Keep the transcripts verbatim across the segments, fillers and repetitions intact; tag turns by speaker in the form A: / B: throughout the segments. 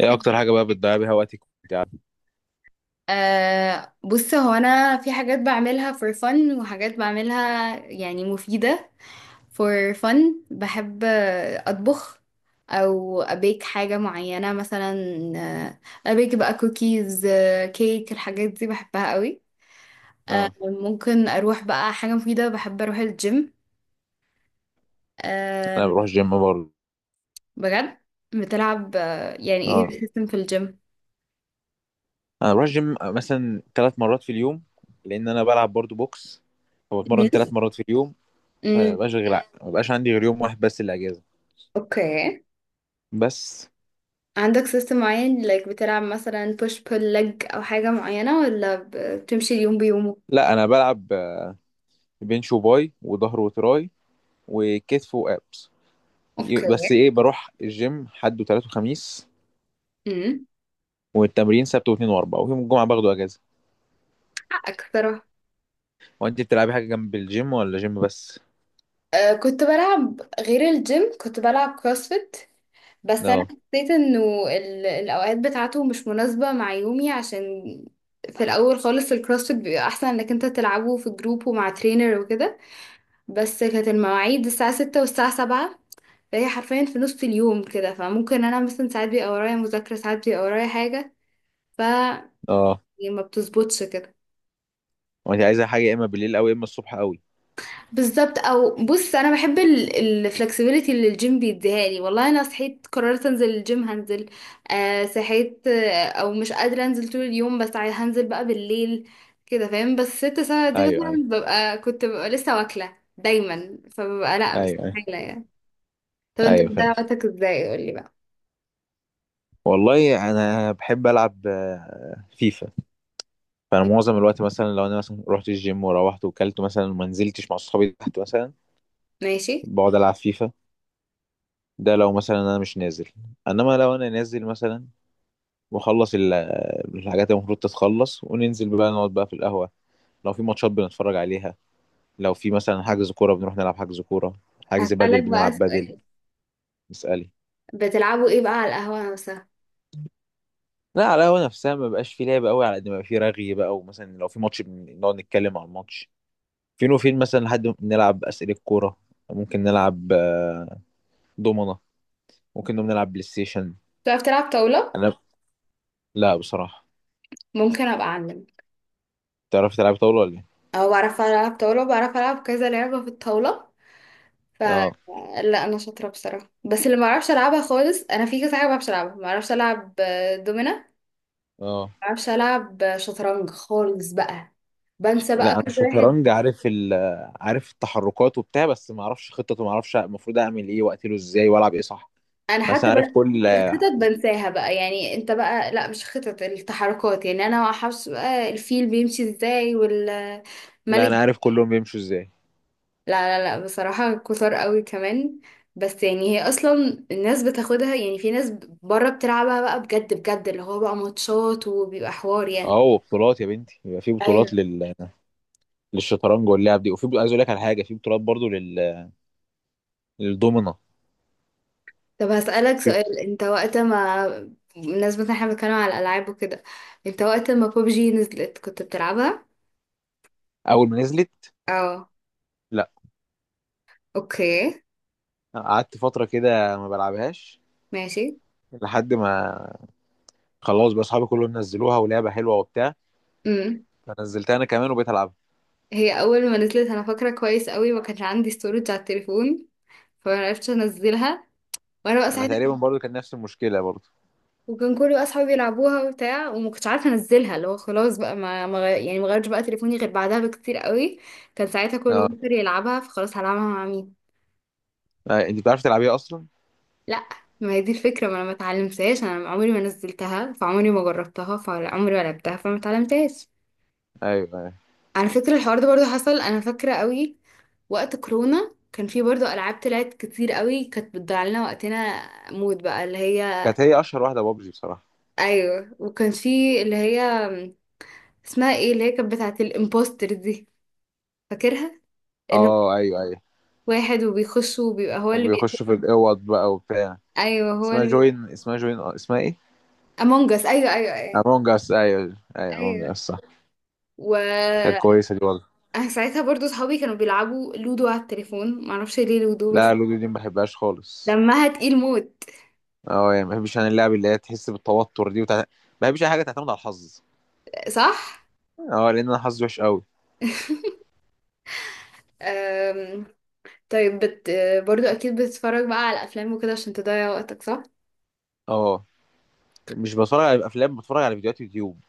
A: ايه اكتر حاجه بقى بتضيع بيها وقتك وإنت قاعدة؟
B: أه بص، هو انا في حاجات بعملها for fun وحاجات بعملها يعني مفيدة for fun. بحب آه، اطبخ، او ابيك حاجة معينة مثلا، آه، ابيك بقى كوكيز، كيك. الحاجات دي بحبها قوي. أه
A: اه،
B: ممكن اروح بقى حاجة مفيدة، بحب اروح الجيم.
A: انا
B: أه،
A: بروح جيم برضه.
B: بجد؟ بتلعب؟ آه، يعني ايه
A: اه،
B: السيستم في الجيم؟
A: انا بروح جيم مثلا ثلاث مرات في اليوم، لان انا بلعب برضه بوكس،
B: مم.
A: فبتمرن ثلاث مرات في اليوم. فانا
B: امم،
A: مبقاش غير ما بقاش عندي غير يوم واحد بس الاجازه.
B: اوكي.
A: بس.
B: عندك سيستم معين، like بتلعب مثلا push pull leg او حاجة معينة، ولا ب- بتمشي اليوم بيومه؟
A: لا انا بلعب آه، بنش وباي وظهر وتراي وكتف وابس. ي-
B: اوكي.
A: بس ايه، بروح الجيم حد وثلاث وخميس،
B: امم
A: والتمرين سبت واثنين واربعة، ويوم الجمعه باخده اجازه.
B: حقك صراحة.
A: وانت بتلعبي حاجه جنب الجيم ولا جيم بس؟
B: أه كنت بلعب غير الجيم، كنت بلعب كروسفيت. بس انا
A: اه.
B: حسيت انه ال- الاوقات بتاعته مش مناسبة مع يومي، عشان في الاول خالص الكروسفيت بيبقى احسن انك انت تلعبه في جروب ومع ترينر وكده. بس كانت المواعيد الساعة ستة والساعة سبعة، فهي حرفيا في نص اليوم كده، فممكن انا مثلا ساعات بيبقى ورايا مذاكرة، ساعات بيبقى ورايا حاجة،
A: اه.
B: يعني ما بتظبطش كده.
A: وانت عايزه حاجه يا اما بالليل او يا اما الصبح قوي.
B: بالظبط. او بص، انا بحب الفلكسبيليتي اللي الجيم بيديها لي. والله انا صحيت قررت انزل الجيم هنزل. آه صحيت، آه او مش قادره انزل طول اليوم، بس عاي- هنزل بقى بالليل. كده؟ فاهم؟ بس ست ساعة دي
A: ايوه،
B: مثلا
A: ايوه.
B: ببقى، كنت ببقى لسه واكله دايما، فببقى لا،
A: ايوه، ايوه.
B: مستحيله يعني. طب انت
A: ايوه
B: بتضيع
A: فاهم.
B: وقتك ازاي؟ قولي بقى.
A: والله انا بحب العب آه، فيفا. فانا معظم الوقت مثلا لو انا مثلا رحت الجيم وروحت وكلت مثلا وما نزلتش مع اصحابي تحت مثلا،
B: ماشي.
A: بقعد العب فيفا. ده لو مثلا انا مش نازل. انما لو انا نازل مثلا واخلص ال- الحاجات اللي المفروض تتخلص، وننزل بقى نقعد بقى في القهوه. لو في ماتشات بنتفرج عليها. لو في مثلا حجز كوره بنروح نلعب حجز كوره. حجز بدل
B: هسألك بقى
A: بنلعب بدل.
B: سؤال.
A: اسألي.
B: بتلعبوا ايه بقى على القهوه مثلا؟
A: لا على القهوة نفسها ما بقاش في لعب قوي، على قد ما بقى في رغي بقى، ومثلا لو في ماتش بن- نقعد نتكلم على الماتش فين وفين، مثلا لحد ما نلعب أسئلة كورة. ممكن نلعب آه، دومنة. ممكن نقوم نلعب بلاي ستيشن.
B: بتعرف تلعب طاوله؟
A: أنا، لا بصراحة.
B: ممكن ابقى اعلم.
A: تعرف تلعب طاولة ولا إيه؟
B: اه، بعرف العب طاوله، بعرف العب كذا لعبه في الطاوله. ف
A: اه.
B: لا، انا شاطره بصراحه، بس اللي ما اعرفش العبها خالص، انا في كذا حاجه ما بعرفش العبها، ما اعرفش العب آه، دومينه، ما
A: اه.
B: اعرفش العب آه، شطرنج خالص بقى. بنسى
A: لا
B: بقى
A: أنا
B: كل واحد.
A: الشطرنج عارف ال آه، عارف التحركات وبتاع، بس ما أعرفش خطته، ما أعرفش المفروض أعمل إيه وأقتله إزاي وألعب إيه، صح؟
B: انا
A: بس أنا
B: حتى
A: عارف
B: بقى
A: كل.
B: الخطط بنساها بقى، يعني انت بقى لا، مش خطط، التحركات، يعني انا ما اعرفش بقى الفيل بيمشي ازاي
A: لا
B: والملك.
A: أنا عارف كلهم بيمشوا إزاي.
B: لا لا لا، بصراحة كتر قوي كمان. بس يعني هي اصلا الناس بتاخدها، يعني في ناس بره بتلعبها بقى بجد بجد، اللي هو بقى ماتشات وبيبقى حوار يعني.
A: أهو بطولات يا بنتي، يبقى في بطولات
B: ايوه.
A: لل للشطرنج واللعب دي، وفي عايز اقول لك على حاجه، في بطولات برضو لل... للدومنه.
B: طب هسألك
A: في-
B: سؤال، انت وقت ما، بالنسبة ان احنا بنتكلم على الالعاب وكده، انت وقت ما بوبجي نزلت كنت بتلعبها؟
A: اول ما نزلت،
B: اه.
A: لا.
B: اوكي.
A: قعدت فتره كده ما بلعبهاش،
B: ماشي.
A: لحد ما خلاص بقى اصحابي كلهم نزلوها ولعبه حلوه وبتاع،
B: امم.
A: فنزلتها انا كمان وبقيت العبها.
B: هي اول ما نزلت انا فاكرة كويس قوي، ما كانش عندي ستورج على التليفون، فما عرفتش انزلها، وانا بقى
A: انا
B: ساعتها
A: تقريبا برضو كان نفس المشكله برضو.
B: وكان كل بقى اصحابي بيلعبوها وبتاع، وما كنتش عارفه انزلها، اللي هو خلاص بقى، ما ما غير- يعني ما غيرتش بقى تليفوني غير بعدها بكتير قوي. كان ساعتها كله
A: اه،
B: بطل يلعبها، فخلاص هلعبها مع مين.
A: آه، انت بتعرف تلعبيها اصلا؟
B: لا، ما هي دي الفكره، ما انا ما اتعلمتهاش، انا عمري ما نزلتها، فعمري ما جربتها، فعمري ما لعبتها، فما اتعلمتهاش.
A: ايوه، ايوه.
B: على فكره، الحوار ده برضو حصل، انا فاكره قوي. وقت كورونا كان في برضو العاب طلعت كتير قوي كانت بتضيع لنا وقتنا موت بقى، اللي هي...
A: كانت هي اشهر واحده بابجي بصراحه.
B: ايوه، وكان في اللي هي اسمها ايه، اللي هي كانت بتاعت الامبوستر دي، فاكرها؟ اللي هو
A: اه، ايوه، ايوه.
B: واحد وبيخش وبيبقى هو اللي
A: وبيخشوا في
B: بيقتل.
A: الاوض بقى وبتاع.
B: ايوه، هو
A: اسمها
B: اللي بي...
A: جوين، اسمها جوين، اسمها ايه؟
B: امونج اس. ايوه ايوه ايوه.
A: امونج اس، ايوه، ايوه، امونج
B: ايوه.
A: اس، صح.
B: و
A: كانت كويسه دي والله.
B: أنا ساعتها برضو صحابي كانوا بيلعبوا لودو على التليفون، معرفش ليه لودو بس.
A: لا لودو دي ما بحبهاش خالص.
B: دمها تقيل موت.
A: اه، يعني ما بحبش انا اللعب اللي هي تحس بالتوتر دي وتع... ما بحبش اي حاجه تعتمد على الحظ.
B: صح.
A: اه لان انا حظي وحش قوي.
B: أم... طيب بت... برضو اكيد بتتفرج بقى على افلام وكده عشان تضيع وقتك، صح؟
A: اه. مش بتفرج على افلام، بتفرج على فيديوهات يوتيوب.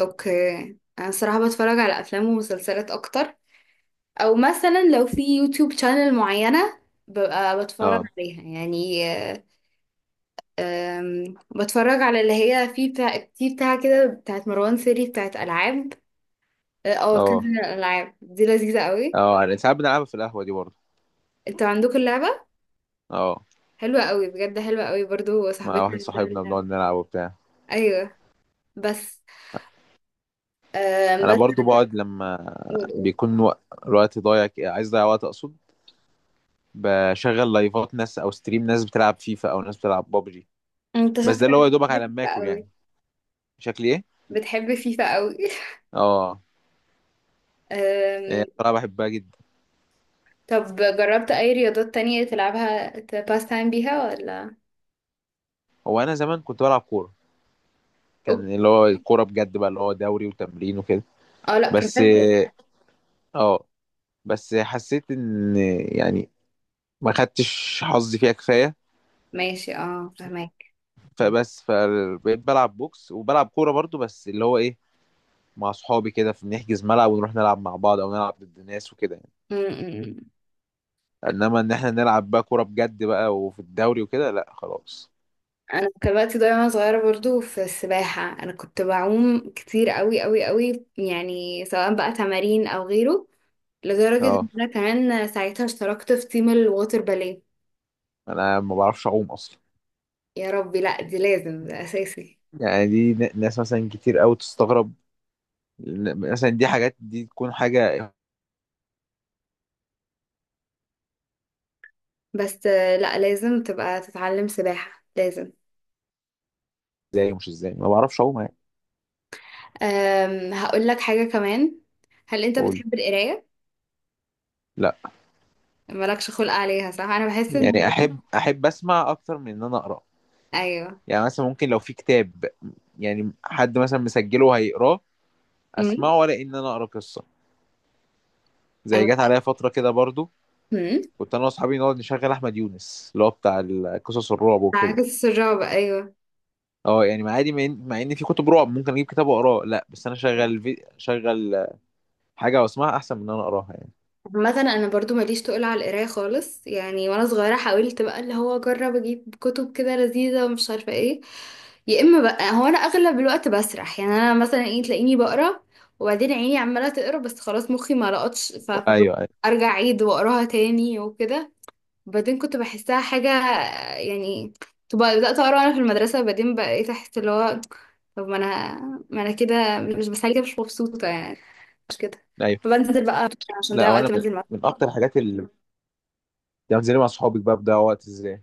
B: اوكي. انا الصراحه بتفرج على افلام ومسلسلات اكتر. او مثلا لو في يوتيوب شانل معينه ببقى بتفرج
A: اه.
B: عليها يعني. أم، بتفرج على اللي هي في بتاع، في بتاع كده، بتاعت مروان سيري، بتاعت ألعاب. اه، آه، كذا
A: اه.
B: الألعاب دي لذيذة قوي.
A: اه، انا ساعات بنلعبها في القهوه دي برضه.
B: انتوا عندكم اللعبة؟
A: اه،
B: حلوة قوي بجد، حلوة قوي، برضو
A: مع
B: صاحبتي
A: واحد
B: عندها
A: صاحبنا بنقعد
B: اللعبة.
A: نلعب وبتاع.
B: ايوه. بس أم،
A: انا
B: بس.
A: برضه بقعد لما بيكون وق- الوقت ضايع، ك- عايز اضيع وقت اقصد، بشغل لايفات ناس او ستريم ناس بتلعب فيفا او ناس بتلعب بابجي.
B: انت
A: بس ده اللي هو يا
B: شكلك
A: دوبك
B: بتحب
A: على ما
B: فيفا
A: اكل يعني.
B: قوي؟
A: شكلي ايه؟
B: بتحب فيفا قوي.
A: اه.
B: أم،
A: يعني بصراحه بحبها جدا.
B: طب جربت اي رياضات تانية تلعبها تباس تايم بيها ولا؟
A: هو انا زمان كنت بلعب كوره،
B: أوك.
A: كان اللي هو الكوره بجد بقى اللي هو دوري وتمرين وكده.
B: اه، لا،
A: بس.
B: بروفيشنال.
A: اه. بس حسيت ان يعني ما خدتش حظي فيها كفايه.
B: ماشي، اه، فهمك.
A: فبس فبقيت بلعب بوكس وبلعب كوره برضو، بس اللي هو ايه، مع اصحابي كده، فبنحجز ملعب ونروح نلعب مع بعض او نلعب ضد ناس وكده يعني. انما ان احنا نلعب بقى كوره بجد بقى وفي الدوري وكده، لا خلاص.
B: انا كان وقتي ضايع وانا صغيره برضو في السباحه، انا كنت بعوم كتير قوي قوي قوي، يعني سواء بقى تمارين او غيره، لدرجه
A: اه
B: ان انا كمان ساعتها اشتركت في تيم الووتر باليه.
A: انا ما بعرفش اعوم اصلا.
B: يا ربي، لا، دي لازم، ده اساسي.
A: يعني دي ن- ناس مثلا كتير قوي تستغرب. ن- مثلا دي حاجات دي تكون حاجة
B: بس آه، لا، لازم تبقى تتعلم سباحه لازم.
A: ازاي ومش ازاي ما بعرفش اعوم يعني.
B: أم هقول لك حاجه كمان. هل انت
A: اقول.
B: بتحب القرايه؟
A: لا.
B: مالكش خلق عليها، صح؟ انا بحس ان...
A: يعني احب احب اسمع اكتر من ان انا اقرا،
B: ايوه.
A: يعني مثلا ممكن لو في كتاب، يعني حد مثلا مسجله وهيقراه
B: امم
A: اسمعه، ولا ان انا اقرا قصه. زي
B: انا.
A: جت عليا فتره كده برضو
B: امم
A: كنت انا واصحابي نقعد نشغل احمد يونس اللي هو بتاع ال- قصص الرعب وكده.
B: عكس الرعب، ايوه.
A: اه يعني مع عادي، مع ان مع إن في كتب رعب ممكن اجيب كتاب واقراه، لا بس انا شغل في... شغل حاجه واسمعها احسن من ان انا اقراها يعني.
B: مثلا انا برضو ماليش تقول على القرايه خالص يعني، وانا صغيره حاولت بقى اللي هو اجرب اجيب كتب كده لذيذه ومش عارفه ايه. يا اما بقى هو انا اغلب الوقت بسرح، يعني انا مثلا ايه، تلاقيني بقرا وبعدين عيني عماله تقرا بس خلاص، مخي ما لقطش، ف-
A: ايوه، ايوه،
B: فارجع اعيد واقراها تاني وكده. وبعدين كنت بحسها حاجه يعني، تبقى بدات اقرا انا في المدرسه بعدين بقيت احس اللي هو طب ما انا ما انا كده مش، بس كده مش مبسوطه يعني، مش كده.
A: ايوه.
B: فبنزل بقى عشان
A: لا
B: ده وقت
A: وانا من,
B: منزل.
A: من اكتر الحاجات اللي يعني زي مع صحابك بقى بضيع وقت ازاي.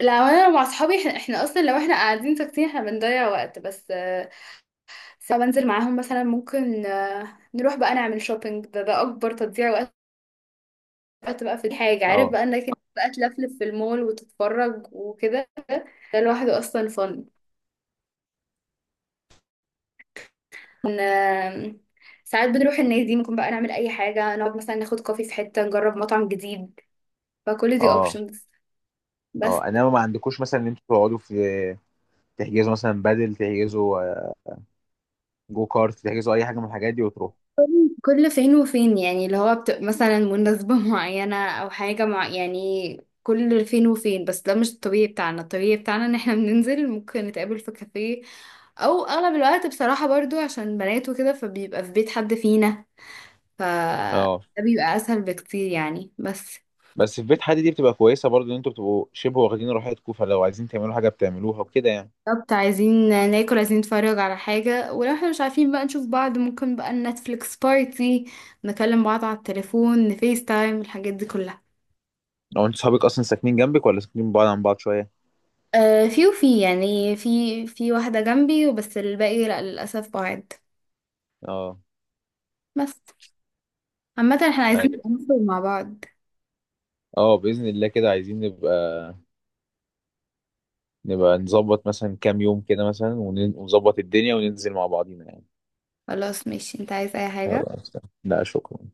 B: لا، هو انا مع اصحابي احنا, احنا اصلا، لو احنا قاعدين ساكتين احنا بنضيع وقت. بس آه، ساعة بنزل معاهم مثلا، ممكن آه، نروح بقى نعمل شوبينج. ده ده اكبر تضييع وقت. وقت بقى في الحاجة، عارف
A: اه.
B: بقى انك إنت بقى تلفلف في المول وتتفرج وكده. ده لوحده اصلا فن. آه، ساعات بنروح النادي، ممكن بقى نعمل اي حاجة، نقعد مثلا ناخد كوفي في حتة، نجرب مطعم جديد، فكل دي
A: اه.
B: اوبشنز. بس.
A: اه انما ما عندكوش مثلا ان انتوا تقعدوا في، تحجزوا مثلا بدل تحجزوا آه، جو كارت، تحجزوا اي حاجه من الحاجات دي وتروحوا.
B: كل فين وفين يعني اللي هو بت... مثلا مناسبة معينة أو حاجة مع... يعني كل فين وفين، بس ده مش الطبيعي بتاعنا. الطبيعي بتاعنا إن احنا بننزل ممكن نتقابل في كافيه. أو أغلب الوقت بصراحة برضو عشان بنات وكده، فبيبقى في بيت حد فينا. ف
A: اه
B: ده بيبقى أسهل بكتير يعني. بس.
A: بس في بيت حد دي بتبقى كويسه برضو، ان انتوا بتبقوا شبه واخدين راحتكم، فلو عايزين تعملوا حاجه بتعملوها وكده يعني.
B: بالظبط. عايزين ناكل، عايزين نتفرج على حاجة، ولو احنا مش عارفين بقى نشوف بعض ممكن بقى نتفليكس بارتي، نكلم بعض على التليفون، نفيس تايم، الحاجات دي كلها.
A: لو انتوا صحابك اصلا ساكنين جنبك ولا ساكنين بعاد عن بعض شويه.
B: آه، في وفي يعني، في في واحدة جنبي، وبس الباقي لأ للأسف بعاد.
A: اه.
B: بس. عامة، احنا عايزين
A: ايوه.
B: نخرج مع بعض.
A: اه باذن الله كده عايزين نبقى نبقى نظبط مثلا كام يوم كده مثلا ون- ونظبط الدنيا وننزل مع بعضينا يعني.
B: خلاص، ماشي. انت عايز أي حاجة؟
A: يلا. لا شكرا.